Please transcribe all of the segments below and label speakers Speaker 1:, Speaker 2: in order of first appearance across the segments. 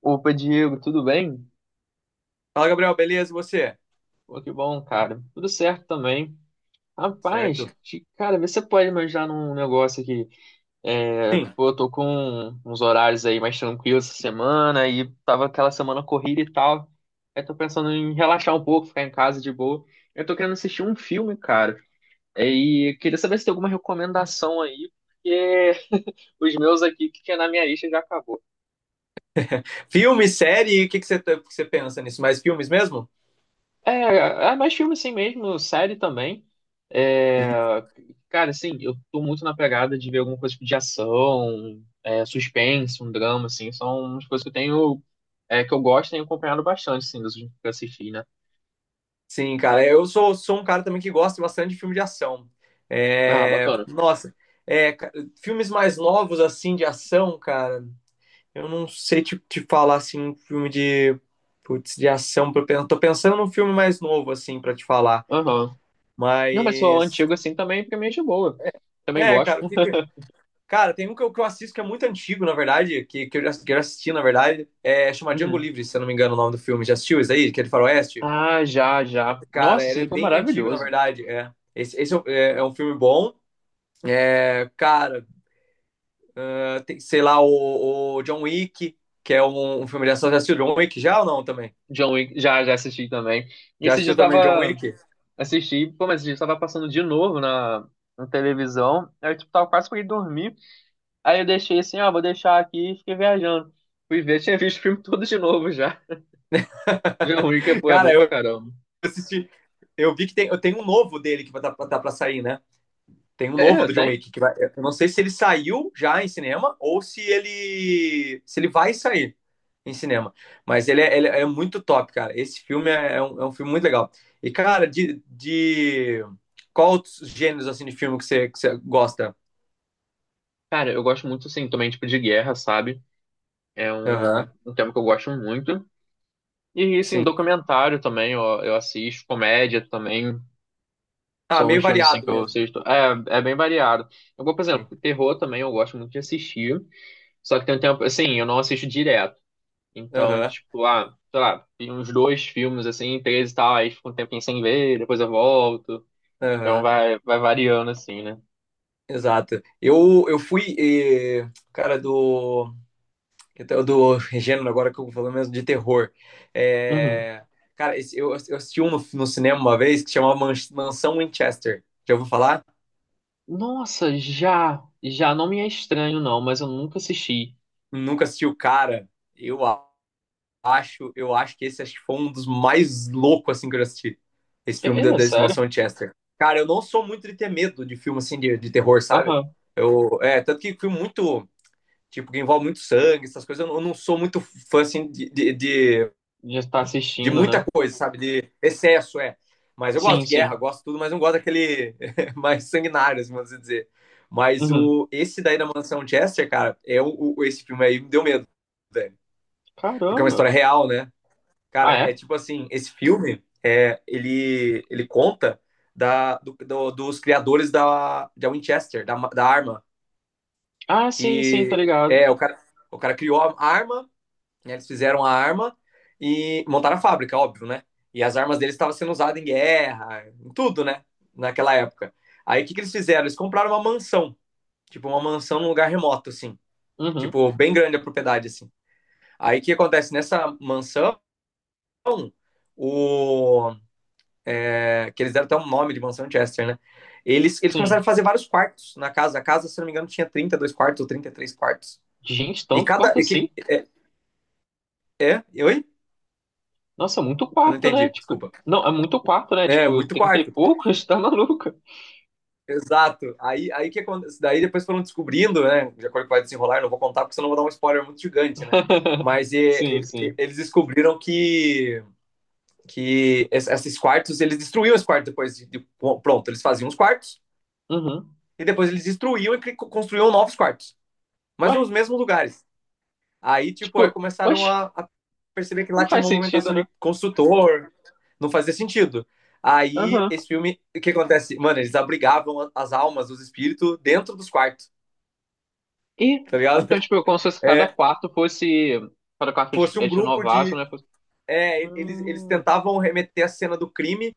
Speaker 1: Opa, Diego, tudo bem?
Speaker 2: Fala, Gabriel, beleza? E você?
Speaker 1: Pô, que bom, cara. Tudo certo também.
Speaker 2: Certo?
Speaker 1: Rapaz, cara, vê se você pode me ajudar num negócio aqui. É,
Speaker 2: Sim.
Speaker 1: pô, eu tô com uns horários aí mais tranquilos essa semana e tava aquela semana corrida e tal. Aí tô pensando em relaxar um pouco, ficar em casa de boa. Eu tô querendo assistir um filme, cara. E queria saber se tem alguma recomendação aí, porque os meus aqui que tinha na minha lista já acabou.
Speaker 2: Filme, série, o que você pensa nisso? Mais filmes mesmo?
Speaker 1: É, é mais filme assim mesmo, série também. É, cara, assim, eu tô muito na pegada de ver alguma coisa tipo de ação, é, suspense, um drama, assim, são umas coisas que eu tenho, é, que eu gosto e tenho acompanhado bastante, assim, dos últimos que eu assisti, né?
Speaker 2: Sim, cara, eu sou um cara também que gosta bastante de filme de ação.
Speaker 1: Ah,
Speaker 2: É,
Speaker 1: bacana.
Speaker 2: nossa, é, ca- filmes mais novos, assim, de ação, cara, eu não sei te falar, assim, um filme de, putz, de ação. Tô pensando num filme mais novo, assim, pra te falar.
Speaker 1: Aham. Não, mas sou
Speaker 2: Mas,
Speaker 1: antigo, assim, também, pra mim é de boa. Também
Speaker 2: é,
Speaker 1: gosto.
Speaker 2: cara, Cara, tem um que eu assisto que é muito antigo, na verdade, que eu já assisti, na verdade. É chamado Django
Speaker 1: Uhum.
Speaker 2: Livre, se eu não me engano o nome do filme. Já assistiu isso aí? Que é de faroeste?
Speaker 1: Ah, já, já.
Speaker 2: Cara,
Speaker 1: Nossa, esse
Speaker 2: ele é
Speaker 1: livro é
Speaker 2: bem antigo, na
Speaker 1: maravilhoso.
Speaker 2: verdade. É. Esse é, é um filme bom. É, cara, é, tem, sei lá, o John Wick, que é um filme de ação. Já assistiu John Wick já ou não também?
Speaker 1: John Wick, já, já assisti também. E
Speaker 2: Já
Speaker 1: esse dia eu
Speaker 2: assistiu também John
Speaker 1: tava.
Speaker 2: Wick?
Speaker 1: Assisti, pô, mas eu tava passando de novo na, na televisão. Aí eu tipo, tava quase pra ir dormir. Aí eu deixei assim, ah, vou deixar aqui e fiquei viajando. Fui ver, tinha visto o filme todo de novo já. Já é ruim que pô, é
Speaker 2: Cara,
Speaker 1: bom pra
Speaker 2: eu
Speaker 1: caramba.
Speaker 2: assisti. Eu vi que tem, eu tenho um novo dele que vai estar tá, tá pra sair, né? Tem um novo
Speaker 1: É,
Speaker 2: do John
Speaker 1: tem.
Speaker 2: Wick que vai. Eu não sei se ele saiu já em cinema ou se ele vai sair em cinema. Mas ele é muito top, cara. Esse filme é um filme muito legal. E, cara, qual outros gêneros assim, de filme que você gosta?
Speaker 1: Cara, eu gosto muito, assim, também, tipo, de guerra, sabe? É um,
Speaker 2: Aham,
Speaker 1: um tema que eu gosto muito. E, assim,
Speaker 2: sim.
Speaker 1: documentário também, ó, eu assisto, comédia também.
Speaker 2: Ah,
Speaker 1: São
Speaker 2: meio
Speaker 1: uns filmes, assim,
Speaker 2: variado
Speaker 1: que eu
Speaker 2: mesmo.
Speaker 1: assisto. É, é bem variado. Eu, vou, por
Speaker 2: Sim.
Speaker 1: exemplo, terror também eu gosto muito de assistir. Só que tem um tempo, assim, eu não assisto direto. Então,
Speaker 2: Aham,
Speaker 1: tipo, ah, sei lá, vi uns dois filmes assim, três e tal, aí fico um tempinho sem ver, depois eu volto. Então
Speaker 2: aham,
Speaker 1: vai, vai variando assim, né?
Speaker 2: exato. Eu fui, eh, cara, do Então, do gênero agora que eu vou falando mesmo de terror.
Speaker 1: Uhum.
Speaker 2: É, Cara, eu assisti um no, no cinema uma vez que chamava Mansão Winchester. Já ouviu falar?
Speaker 1: Nossa, já, já não me é estranho não, mas eu nunca assisti.
Speaker 2: Nunca assisti o cara. Eu a- eu acho que foi um dos mais loucos assim que eu já assisti. Esse
Speaker 1: É,
Speaker 2: filme da,
Speaker 1: é, é
Speaker 2: desse
Speaker 1: sério?
Speaker 2: Mansão Winchester. Cara, eu não sou muito de ter medo de filme assim de terror, sabe?
Speaker 1: Aham,
Speaker 2: Eu, é, tanto que filme muito, tipo, que envolve muito sangue, essas coisas, eu não sou muito fã assim de, de, de
Speaker 1: já tá
Speaker 2: de
Speaker 1: assistindo,
Speaker 2: muita
Speaker 1: né?
Speaker 2: coisa, sabe? De excesso, é. Mas eu gosto
Speaker 1: Sim,
Speaker 2: de
Speaker 1: sim.
Speaker 2: guerra, gosto de tudo, mas não gosto daquele mais sanguinário, assim, vamos dizer. Mas
Speaker 1: Uhum.
Speaker 2: o, esse daí da Mansão Chester, cara, é esse filme aí me deu medo, velho. Porque é uma
Speaker 1: Caramba.
Speaker 2: história real, né?
Speaker 1: Ah,
Speaker 2: Cara, é
Speaker 1: é?
Speaker 2: tipo assim, esse filme, é, ele conta dos criadores da Winchester, da arma.
Speaker 1: Ah, sim, sim, tá
Speaker 2: Que
Speaker 1: ligado.
Speaker 2: é, o cara criou a arma né, Eles fizeram a arma e montaram a fábrica, óbvio, né? E as armas deles estavam sendo usadas em guerra, em tudo, né? Naquela época. Aí o que, que eles fizeram? Eles compraram uma mansão, tipo uma mansão num lugar remoto, assim.
Speaker 1: Uhum,
Speaker 2: Tipo, bem grande a propriedade, assim. Aí o que acontece? Nessa mansão, o... É, que eles deram até um nome de mansão Chester, né? Eles começaram
Speaker 1: sim.
Speaker 2: a fazer vários quartos na casa. A casa, se não me engano, tinha 32 quartos ou 33 quartos.
Speaker 1: Gente,
Speaker 2: E
Speaker 1: tanto
Speaker 2: cada.
Speaker 1: quarto
Speaker 2: E que,
Speaker 1: assim?
Speaker 2: é, é? Oi?
Speaker 1: Nossa, muito
Speaker 2: Eu não
Speaker 1: quarto, né?
Speaker 2: entendi,
Speaker 1: Tipo,
Speaker 2: desculpa.
Speaker 1: não, é muito quarto, né?
Speaker 2: É,
Speaker 1: Tipo,
Speaker 2: muito
Speaker 1: trinta e
Speaker 2: quarto.
Speaker 1: poucos, tá maluco?
Speaker 2: Exato. Aí que acontece. Daí depois foram descobrindo, né? De acordo com o que vai desenrolar, eu não vou contar porque senão eu vou dar um spoiler muito gigante, né? Mas e,
Speaker 1: Sim, sim.
Speaker 2: eles descobriram que, esses quartos, eles destruíam os quartos pronto, eles faziam os quartos
Speaker 1: Uhum.
Speaker 2: e depois eles destruíam e construíam novos quartos,
Speaker 1: Ué,
Speaker 2: mas nos mesmos lugares. Aí, tipo, aí
Speaker 1: tipo,
Speaker 2: começaram
Speaker 1: oxe,
Speaker 2: a perceber que
Speaker 1: não
Speaker 2: lá tinha
Speaker 1: faz
Speaker 2: uma
Speaker 1: sentido,
Speaker 2: movimentação
Speaker 1: né?
Speaker 2: de construtor, não fazia sentido. Aí,
Speaker 1: Aham.
Speaker 2: esse filme, o que acontece? Mano, eles abrigavam as almas, os espíritos dentro dos quartos.
Speaker 1: E,
Speaker 2: Tá ligado?
Speaker 1: então, tipo, como se fosse cada
Speaker 2: É,
Speaker 1: quarto fosse. Cada quarto que eles
Speaker 2: fosse um
Speaker 1: eles
Speaker 2: grupo
Speaker 1: renovassem,
Speaker 2: de.
Speaker 1: né? Fosse...
Speaker 2: É, eles
Speaker 1: Hum,
Speaker 2: tentavam remeter a cena do crime,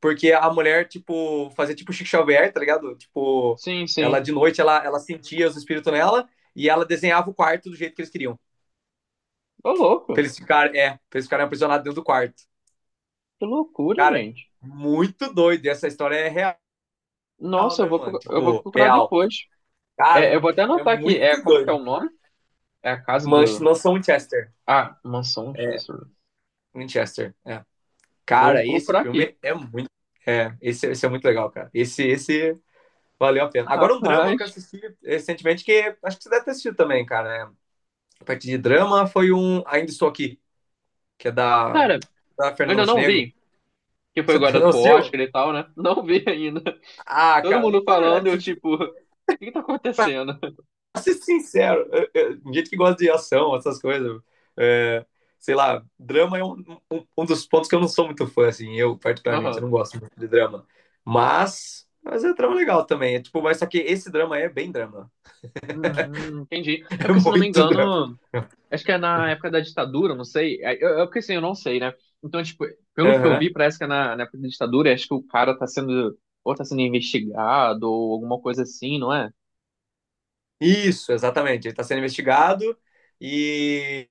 Speaker 2: porque a mulher, tipo, fazia tipo Chico Xavier, tá ligado? Tipo,
Speaker 1: sim,
Speaker 2: ela
Speaker 1: sim.
Speaker 2: de noite ela sentia os espíritos nela e ela desenhava o quarto do jeito que eles queriam.
Speaker 1: Ô,
Speaker 2: Pra
Speaker 1: louco.
Speaker 2: eles ficarem, é, pra eles ficarem aprisionados dentro do quarto.
Speaker 1: Que loucura,
Speaker 2: Cara,
Speaker 1: gente.
Speaker 2: muito doido. Essa história é real,
Speaker 1: Nossa, eu
Speaker 2: né,
Speaker 1: vou,
Speaker 2: mano?
Speaker 1: eu vou
Speaker 2: Tipo,
Speaker 1: procurar
Speaker 2: real.
Speaker 1: depois. É,
Speaker 2: Cara,
Speaker 1: eu vou até
Speaker 2: é
Speaker 1: anotar aqui. É,
Speaker 2: muito
Speaker 1: como que é o
Speaker 2: doido.
Speaker 1: nome? É a casa
Speaker 2: Mas
Speaker 1: do.
Speaker 2: não são Winchester.
Speaker 1: Ah, Mansão Chester.
Speaker 2: Winchester, é.
Speaker 1: Vou
Speaker 2: Cara, esse
Speaker 1: procurar aqui.
Speaker 2: filme é muito. É, esse é muito legal, cara. Esse valeu a pena. Agora, um drama que eu
Speaker 1: Rapaz.
Speaker 2: assisti recentemente, que acho que você deve ter assistido também, cara. Né? A partir de drama foi um Ainda Estou Aqui, que é da,
Speaker 1: Cara, eu
Speaker 2: da Fernanda
Speaker 1: ainda não
Speaker 2: Montenegro.
Speaker 1: vi. Que foi
Speaker 2: Você
Speaker 1: agora
Speaker 2: não
Speaker 1: pro
Speaker 2: assistiu?
Speaker 1: Oscar e tal, né? Não vi ainda.
Speaker 2: Ah,
Speaker 1: Todo
Speaker 2: cara,
Speaker 1: mundo
Speaker 2: na
Speaker 1: falando,
Speaker 2: verdade,
Speaker 1: eu tipo, o que que tá acontecendo?
Speaker 2: ser sincero, gente que gosta de ação, essas coisas, é, sei lá, drama é um dos pontos que eu não sou muito fã, assim, eu particularmente, eu
Speaker 1: Aham.
Speaker 2: não gosto muito de drama, mas é drama legal também, é tipo, mas só que esse drama é bem drama,
Speaker 1: Entendi. É
Speaker 2: é
Speaker 1: porque, se eu não me
Speaker 2: muito drama.
Speaker 1: engano, acho que é na época da ditadura, não sei. É é porque assim, eu não sei, né? Então, tipo, pelo que eu
Speaker 2: Aham.
Speaker 1: vi, parece que é na, na época da ditadura, acho que o cara tá sendo, ou tá sendo investigado, ou alguma coisa assim, não é?
Speaker 2: Isso, exatamente, ele tá sendo investigado e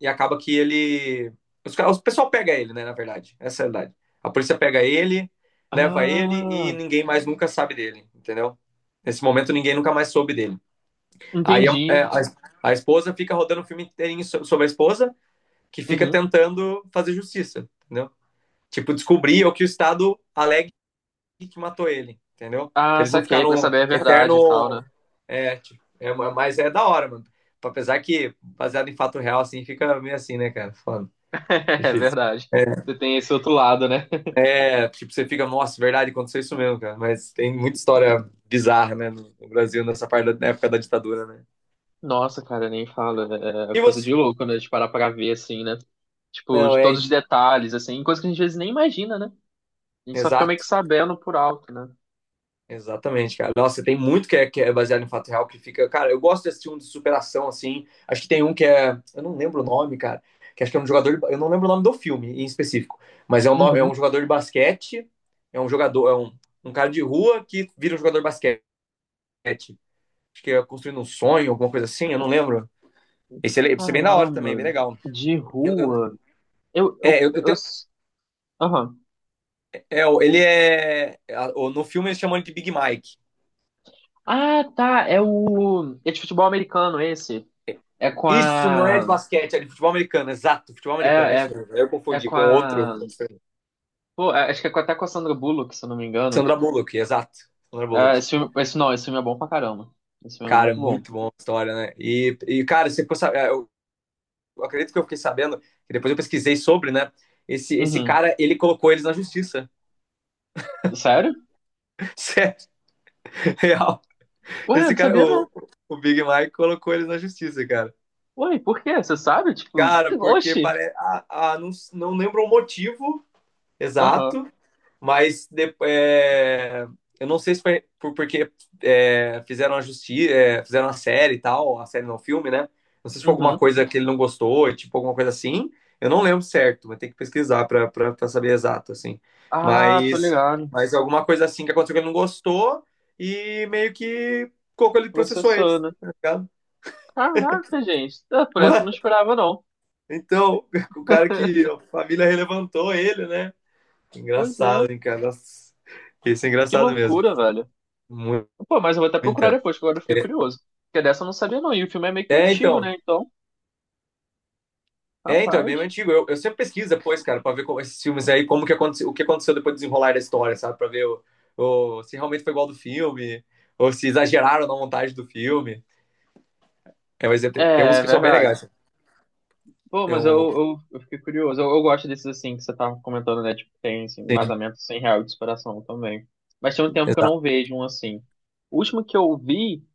Speaker 2: e acaba que ele. O pessoal pega ele, né? Na verdade, essa é a verdade. A polícia pega ele, leva ele e
Speaker 1: Ah,
Speaker 2: ninguém mais nunca sabe dele, entendeu? Nesse momento, ninguém nunca mais soube dele. Aí a,
Speaker 1: entendi.
Speaker 2: é, a, A esposa fica rodando o filme inteirinho sobre a esposa, que fica
Speaker 1: Uhum.
Speaker 2: tentando fazer justiça, entendeu? Tipo, descobrir o que o Estado alegue que matou ele, entendeu?
Speaker 1: Ah,
Speaker 2: Pra eles não
Speaker 1: saquei,
Speaker 2: ficarem
Speaker 1: pra
Speaker 2: no
Speaker 1: saber a verdade e tal, né?
Speaker 2: eterno. É, tipo, é, mas é da hora, mano. Apesar que, baseado em fato real, assim, fica meio assim, né, cara? Foda.
Speaker 1: É
Speaker 2: Difícil.
Speaker 1: verdade.
Speaker 2: É,
Speaker 1: Você tem esse outro lado, né?
Speaker 2: é, tipo, você fica, nossa, é verdade, aconteceu isso mesmo, cara. Mas tem muita história bizarra, né, no Brasil, nessa parte da na época da ditadura, né?
Speaker 1: Nossa, cara, nem fala. É
Speaker 2: E
Speaker 1: coisa
Speaker 2: você?
Speaker 1: de louco, né? De parar pra ver, assim, né? Tipo,
Speaker 2: Não,
Speaker 1: de
Speaker 2: é,
Speaker 1: todos os detalhes, assim, coisa que a gente às vezes nem imagina, né? A gente só fica meio que
Speaker 2: exato.
Speaker 1: sabendo por alto, né?
Speaker 2: Exatamente, cara. Nossa, tem muito que é baseado em fato real que fica. Cara, eu gosto de assistir um de superação, assim. Acho que tem um que é. Eu não lembro o nome, cara. Que acho que é um jogador. Eu não lembro o nome do filme em específico. Mas é um, é
Speaker 1: Uhum.
Speaker 2: um jogador de basquete. É um jogador. É um, um cara de rua que vira um jogador de basquete. Acho que é construindo um sonho, alguma coisa assim. Eu não lembro. Esse é bem da hora também,
Speaker 1: Caramba,
Speaker 2: bem legal.
Speaker 1: de
Speaker 2: Eu, eu-
Speaker 1: rua. Eu,
Speaker 2: é,
Speaker 1: eu,
Speaker 2: eu, eu
Speaker 1: eu...
Speaker 2: tenho,
Speaker 1: s- Aham.
Speaker 2: é, ele é. No filme eles chamam ele de Big Mike.
Speaker 1: Ah, tá. É o. É de futebol americano esse. É com
Speaker 2: Isso não é de
Speaker 1: a.
Speaker 2: basquete, é de futebol americano, exato, futebol americano, é
Speaker 1: É, é,
Speaker 2: isso mesmo. Eu
Speaker 1: é
Speaker 2: confundi
Speaker 1: com
Speaker 2: com outro.
Speaker 1: a. Pô, acho que é até com a Sandra Bullock, se eu não me engano.
Speaker 2: Sandra Bullock, exato. Sandra
Speaker 1: É,
Speaker 2: Bullock.
Speaker 1: esse filme... esse não, esse filme é bom pra caramba. Esse filme é
Speaker 2: Cara, é
Speaker 1: muito bom.
Speaker 2: muito bom a história, né? E cara, você ficou sabendo, eu acredito que eu fiquei sabendo, que depois eu pesquisei sobre, né? Esse
Speaker 1: Uhum.
Speaker 2: cara, ele colocou eles na justiça.
Speaker 1: Sério?
Speaker 2: Sério, real.
Speaker 1: Ué,
Speaker 2: Esse
Speaker 1: não
Speaker 2: cara,
Speaker 1: sabia não.
Speaker 2: o Big Mike colocou eles na justiça, cara.
Speaker 1: Ué, por quê? Você sabe? Tipo,
Speaker 2: Cara, porque
Speaker 1: oxi.
Speaker 2: parece. Ah, ah, não lembro o motivo
Speaker 1: Aham.
Speaker 2: exato, é, eu não sei se foi por, porque é, fizeram a justiça, fizeram a série e tal, a série não, o filme, né? Não sei se foi alguma
Speaker 1: Uhum.
Speaker 2: coisa que ele não gostou, tipo alguma coisa assim. Eu não lembro certo, mas tem que pesquisar pra pra saber exato, assim.
Speaker 1: Ah, tô
Speaker 2: Mas,
Speaker 1: ligado.
Speaker 2: mas alguma coisa assim que aconteceu que ele não gostou e meio que colocou ele processou
Speaker 1: Processou,
Speaker 2: eles,
Speaker 1: né?
Speaker 2: tá ligado?
Speaker 1: Caraca, gente. Ah, por essa eu não esperava, não.
Speaker 2: Então, o cara que a família relevantou ele, né?
Speaker 1: Pois é.
Speaker 2: Engraçado, hein, cara? Nossa, Isso é
Speaker 1: Que
Speaker 2: engraçado mesmo.
Speaker 1: loucura, velho.
Speaker 2: Mu-
Speaker 1: Pô, mas eu vou até procurar
Speaker 2: Muita.
Speaker 1: depois, que agora eu fiquei
Speaker 2: É,
Speaker 1: curioso. Porque dessa eu não sabia, não. E o filme é meio que
Speaker 2: é,
Speaker 1: antigo,
Speaker 2: então.
Speaker 1: né? Então,
Speaker 2: É, então, é bem
Speaker 1: rapaz.
Speaker 2: antigo. Eu sempre pesquiso depois, cara, pra ver como, esses filmes aí, como que aconteceu, o que aconteceu depois do desenrolar da história, sabe? Pra ver se realmente foi igual ao do filme, ou se exageraram na montagem do filme. É, mas é,
Speaker 1: É,
Speaker 2: tem, tem uns
Speaker 1: é
Speaker 2: que são bem
Speaker 1: verdade.
Speaker 2: legais. Cara.
Speaker 1: Pô,
Speaker 2: Tem
Speaker 1: mas eu,
Speaker 2: um,
Speaker 1: eu, eu fiquei curioso. Eu gosto desses, assim, que você tava comentando, né? Tipo, tem assim,
Speaker 2: sim,
Speaker 1: embasamento sem real de inspiração também. Mas tem um tempo que eu
Speaker 2: exato.
Speaker 1: não vejo um assim. O último que eu vi.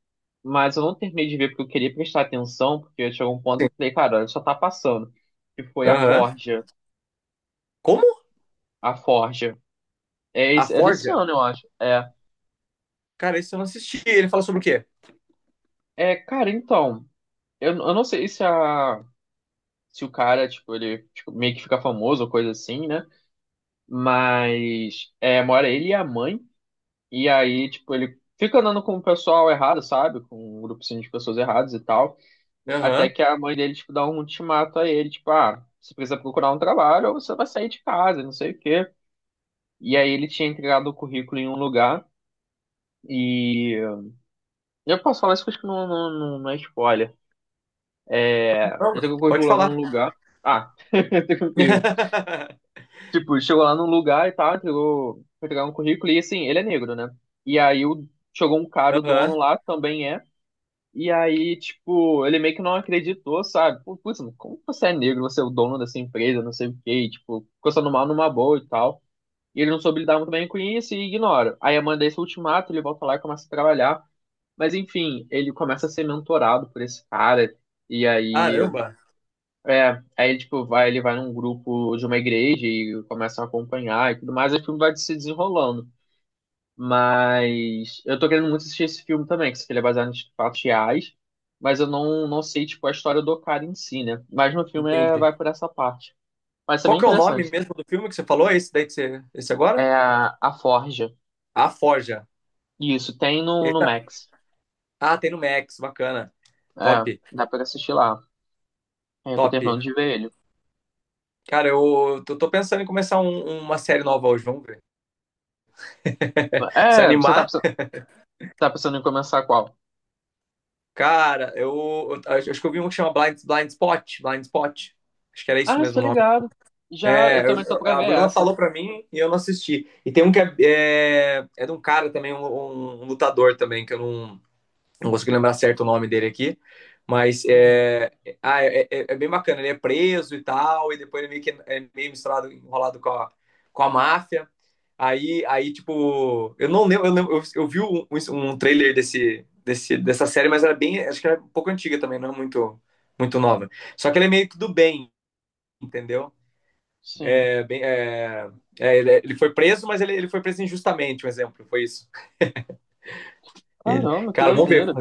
Speaker 1: Mas eu não terminei de ver porque eu queria prestar atenção, porque chegou um ponto
Speaker 2: Sim.
Speaker 1: que eu falei, cara, olha, só tá passando. Que foi a
Speaker 2: Aham.
Speaker 1: Forja.
Speaker 2: Como?
Speaker 1: A Forja. É,
Speaker 2: A
Speaker 1: é desse
Speaker 2: Forja?
Speaker 1: ano, eu acho. É.
Speaker 2: Cara, isso eu não assisti. Ele fala sobre o quê?
Speaker 1: É, cara, então. Eu não sei se a. Se o cara, tipo, ele tipo, meio que fica famoso ou coisa assim, né? Mas é, mora ele e a mãe. E aí, tipo, ele fica andando com o pessoal errado, sabe? Com um grupo assim, de pessoas erradas e tal. Até
Speaker 2: Aham.
Speaker 1: que a mãe dele, tipo, dá um ultimato a ele, tipo, ah, você precisa procurar um trabalho ou você vai sair de casa, não sei o quê. E aí ele tinha entregado o currículo em um lugar e... Eu posso falar isso, que eu acho que não é spoiler. É...
Speaker 2: Não,
Speaker 1: Entregou o
Speaker 2: Pode
Speaker 1: currículo lá num
Speaker 2: falar.
Speaker 1: lugar... Ah, tranquilo. Tipo, chegou lá num lugar e tal, entregou... Foi entregar um currículo e, assim, ele é negro, né? E aí o... chegou um cara, o dono
Speaker 2: Aham.
Speaker 1: lá, também é. E aí, tipo, ele meio que não acreditou, sabe? Pô, putz, mano, como você é negro, você é o dono dessa empresa, não sei o quê, e, tipo, ficou sendo mal numa boa e tal. E ele não soube lidar muito bem com isso e ignora. Aí eu mandei esse ultimato, ele volta lá e começa a trabalhar. Mas enfim, ele começa a ser mentorado por esse cara. E aí,
Speaker 2: Caramba,
Speaker 1: é, aí tipo, vai, ele vai num grupo de uma igreja e começa a acompanhar e tudo mais, e o filme vai se desenrolando. Mas eu tô querendo muito assistir esse filme também, que ele é baseado em fatos reais, mas eu não, não sei, tipo, a história do cara em si, né? Mas no filme é,
Speaker 2: entendi.
Speaker 1: vai por essa parte. Mas é
Speaker 2: Qual
Speaker 1: bem
Speaker 2: que é o nome
Speaker 1: interessante.
Speaker 2: mesmo do filme que você falou? Esse daí que você, esse agora?
Speaker 1: É a Forja.
Speaker 2: A Forja.
Speaker 1: Isso, tem no,
Speaker 2: Ele
Speaker 1: no
Speaker 2: tá-
Speaker 1: Max.
Speaker 2: Ah, tem no Max, bacana. Top,
Speaker 1: É, dá pra assistir lá. É, eu tô
Speaker 2: top.
Speaker 1: terminando de ver ele.
Speaker 2: Cara, eu tô pensando em começar uma série nova hoje, vamos ver. Se
Speaker 1: É, você tá,
Speaker 2: animar,
Speaker 1: tá pensando em começar qual?
Speaker 2: cara, eu acho que eu vi um que chama Blind Spot. Acho que era isso
Speaker 1: Ah,
Speaker 2: mesmo
Speaker 1: estou
Speaker 2: o nome.
Speaker 1: ligado. Já,
Speaker 2: É,
Speaker 1: eu também tô pra
Speaker 2: a
Speaker 1: ver
Speaker 2: Bruna
Speaker 1: essa.
Speaker 2: falou pra mim e eu não assisti. E tem um que é, é, é de um cara também, um lutador também, que eu não, não consegui lembrar certo o nome dele aqui, mas
Speaker 1: Uhum,
Speaker 2: é, ah, é, é, é bem bacana. Ele é preso e tal, e depois ele meio que é meio misturado, enrolado com a máfia. Aí, tipo, eu não lembro, eu, lembro, eu vi um, um trailer dessa série, mas era bem, acho que era um pouco antiga também, não é muito, muito nova. Só que ele é meio que do bem, entendeu?
Speaker 1: sim.
Speaker 2: É, bem, é, é, ele, foi preso, mas ele foi preso injustamente, um exemplo, foi isso. Ele,
Speaker 1: Caramba, que
Speaker 2: cara, vamos ver.
Speaker 1: doideira.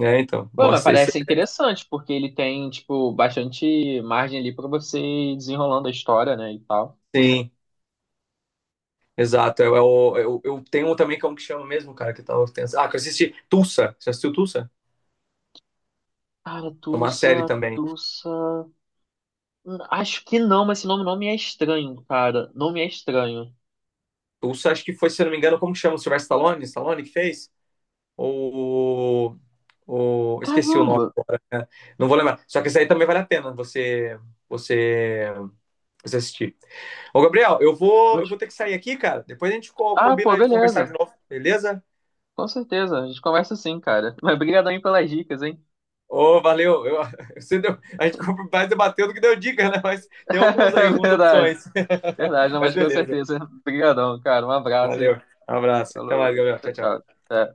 Speaker 2: É, então,
Speaker 1: Pô, mas
Speaker 2: mostra esse,
Speaker 1: parece interessante, porque ele tem, tipo, bastante margem ali pra você ir desenrolando a história, né, e tal.
Speaker 2: assim, Exato. Eu tenho um também que é um que chama mesmo, cara, que eu tava pensando. Ah, que eu assisti Tulsa. Você assistiu Tulsa?
Speaker 1: Cara,
Speaker 2: É uma série
Speaker 1: Tulsa,
Speaker 2: também.
Speaker 1: Tulsa... acho que não, mas esse nome não me é estranho, cara. Não me é estranho.
Speaker 2: Tulsa, acho que foi, se eu não me engano, como que chama? O Sylvester Stallone? Stallone que fez? Ou. Ou... Esqueci o nome,
Speaker 1: Caramba!
Speaker 2: né? Não vou lembrar. Só que isso aí também vale a pena você, você assistir. Ô, Gabriel, eu vou,
Speaker 1: Mas...
Speaker 2: eu vou ter que sair aqui, cara. Depois a gente
Speaker 1: Ah, pô,
Speaker 2: combina de conversar
Speaker 1: beleza.
Speaker 2: de novo, beleza?
Speaker 1: Com certeza, a gente conversa sim, cara. Mas brigadão aí pelas dicas, hein?
Speaker 2: Ô, valeu. Eu- você deu- a gente mais debateu do que deu dica, né? Mas tem alguns aí, algumas
Speaker 1: Verdade,
Speaker 2: opções.
Speaker 1: verdade, não,
Speaker 2: Mas
Speaker 1: mas com
Speaker 2: beleza.
Speaker 1: certeza. Obrigadão, cara. Um abraço,
Speaker 2: Valeu.
Speaker 1: hein?
Speaker 2: Um abraço. Até mais,
Speaker 1: Falou,
Speaker 2: Gabriel.
Speaker 1: tchau,
Speaker 2: Tchau,
Speaker 1: tchau.
Speaker 2: tchau.
Speaker 1: Até.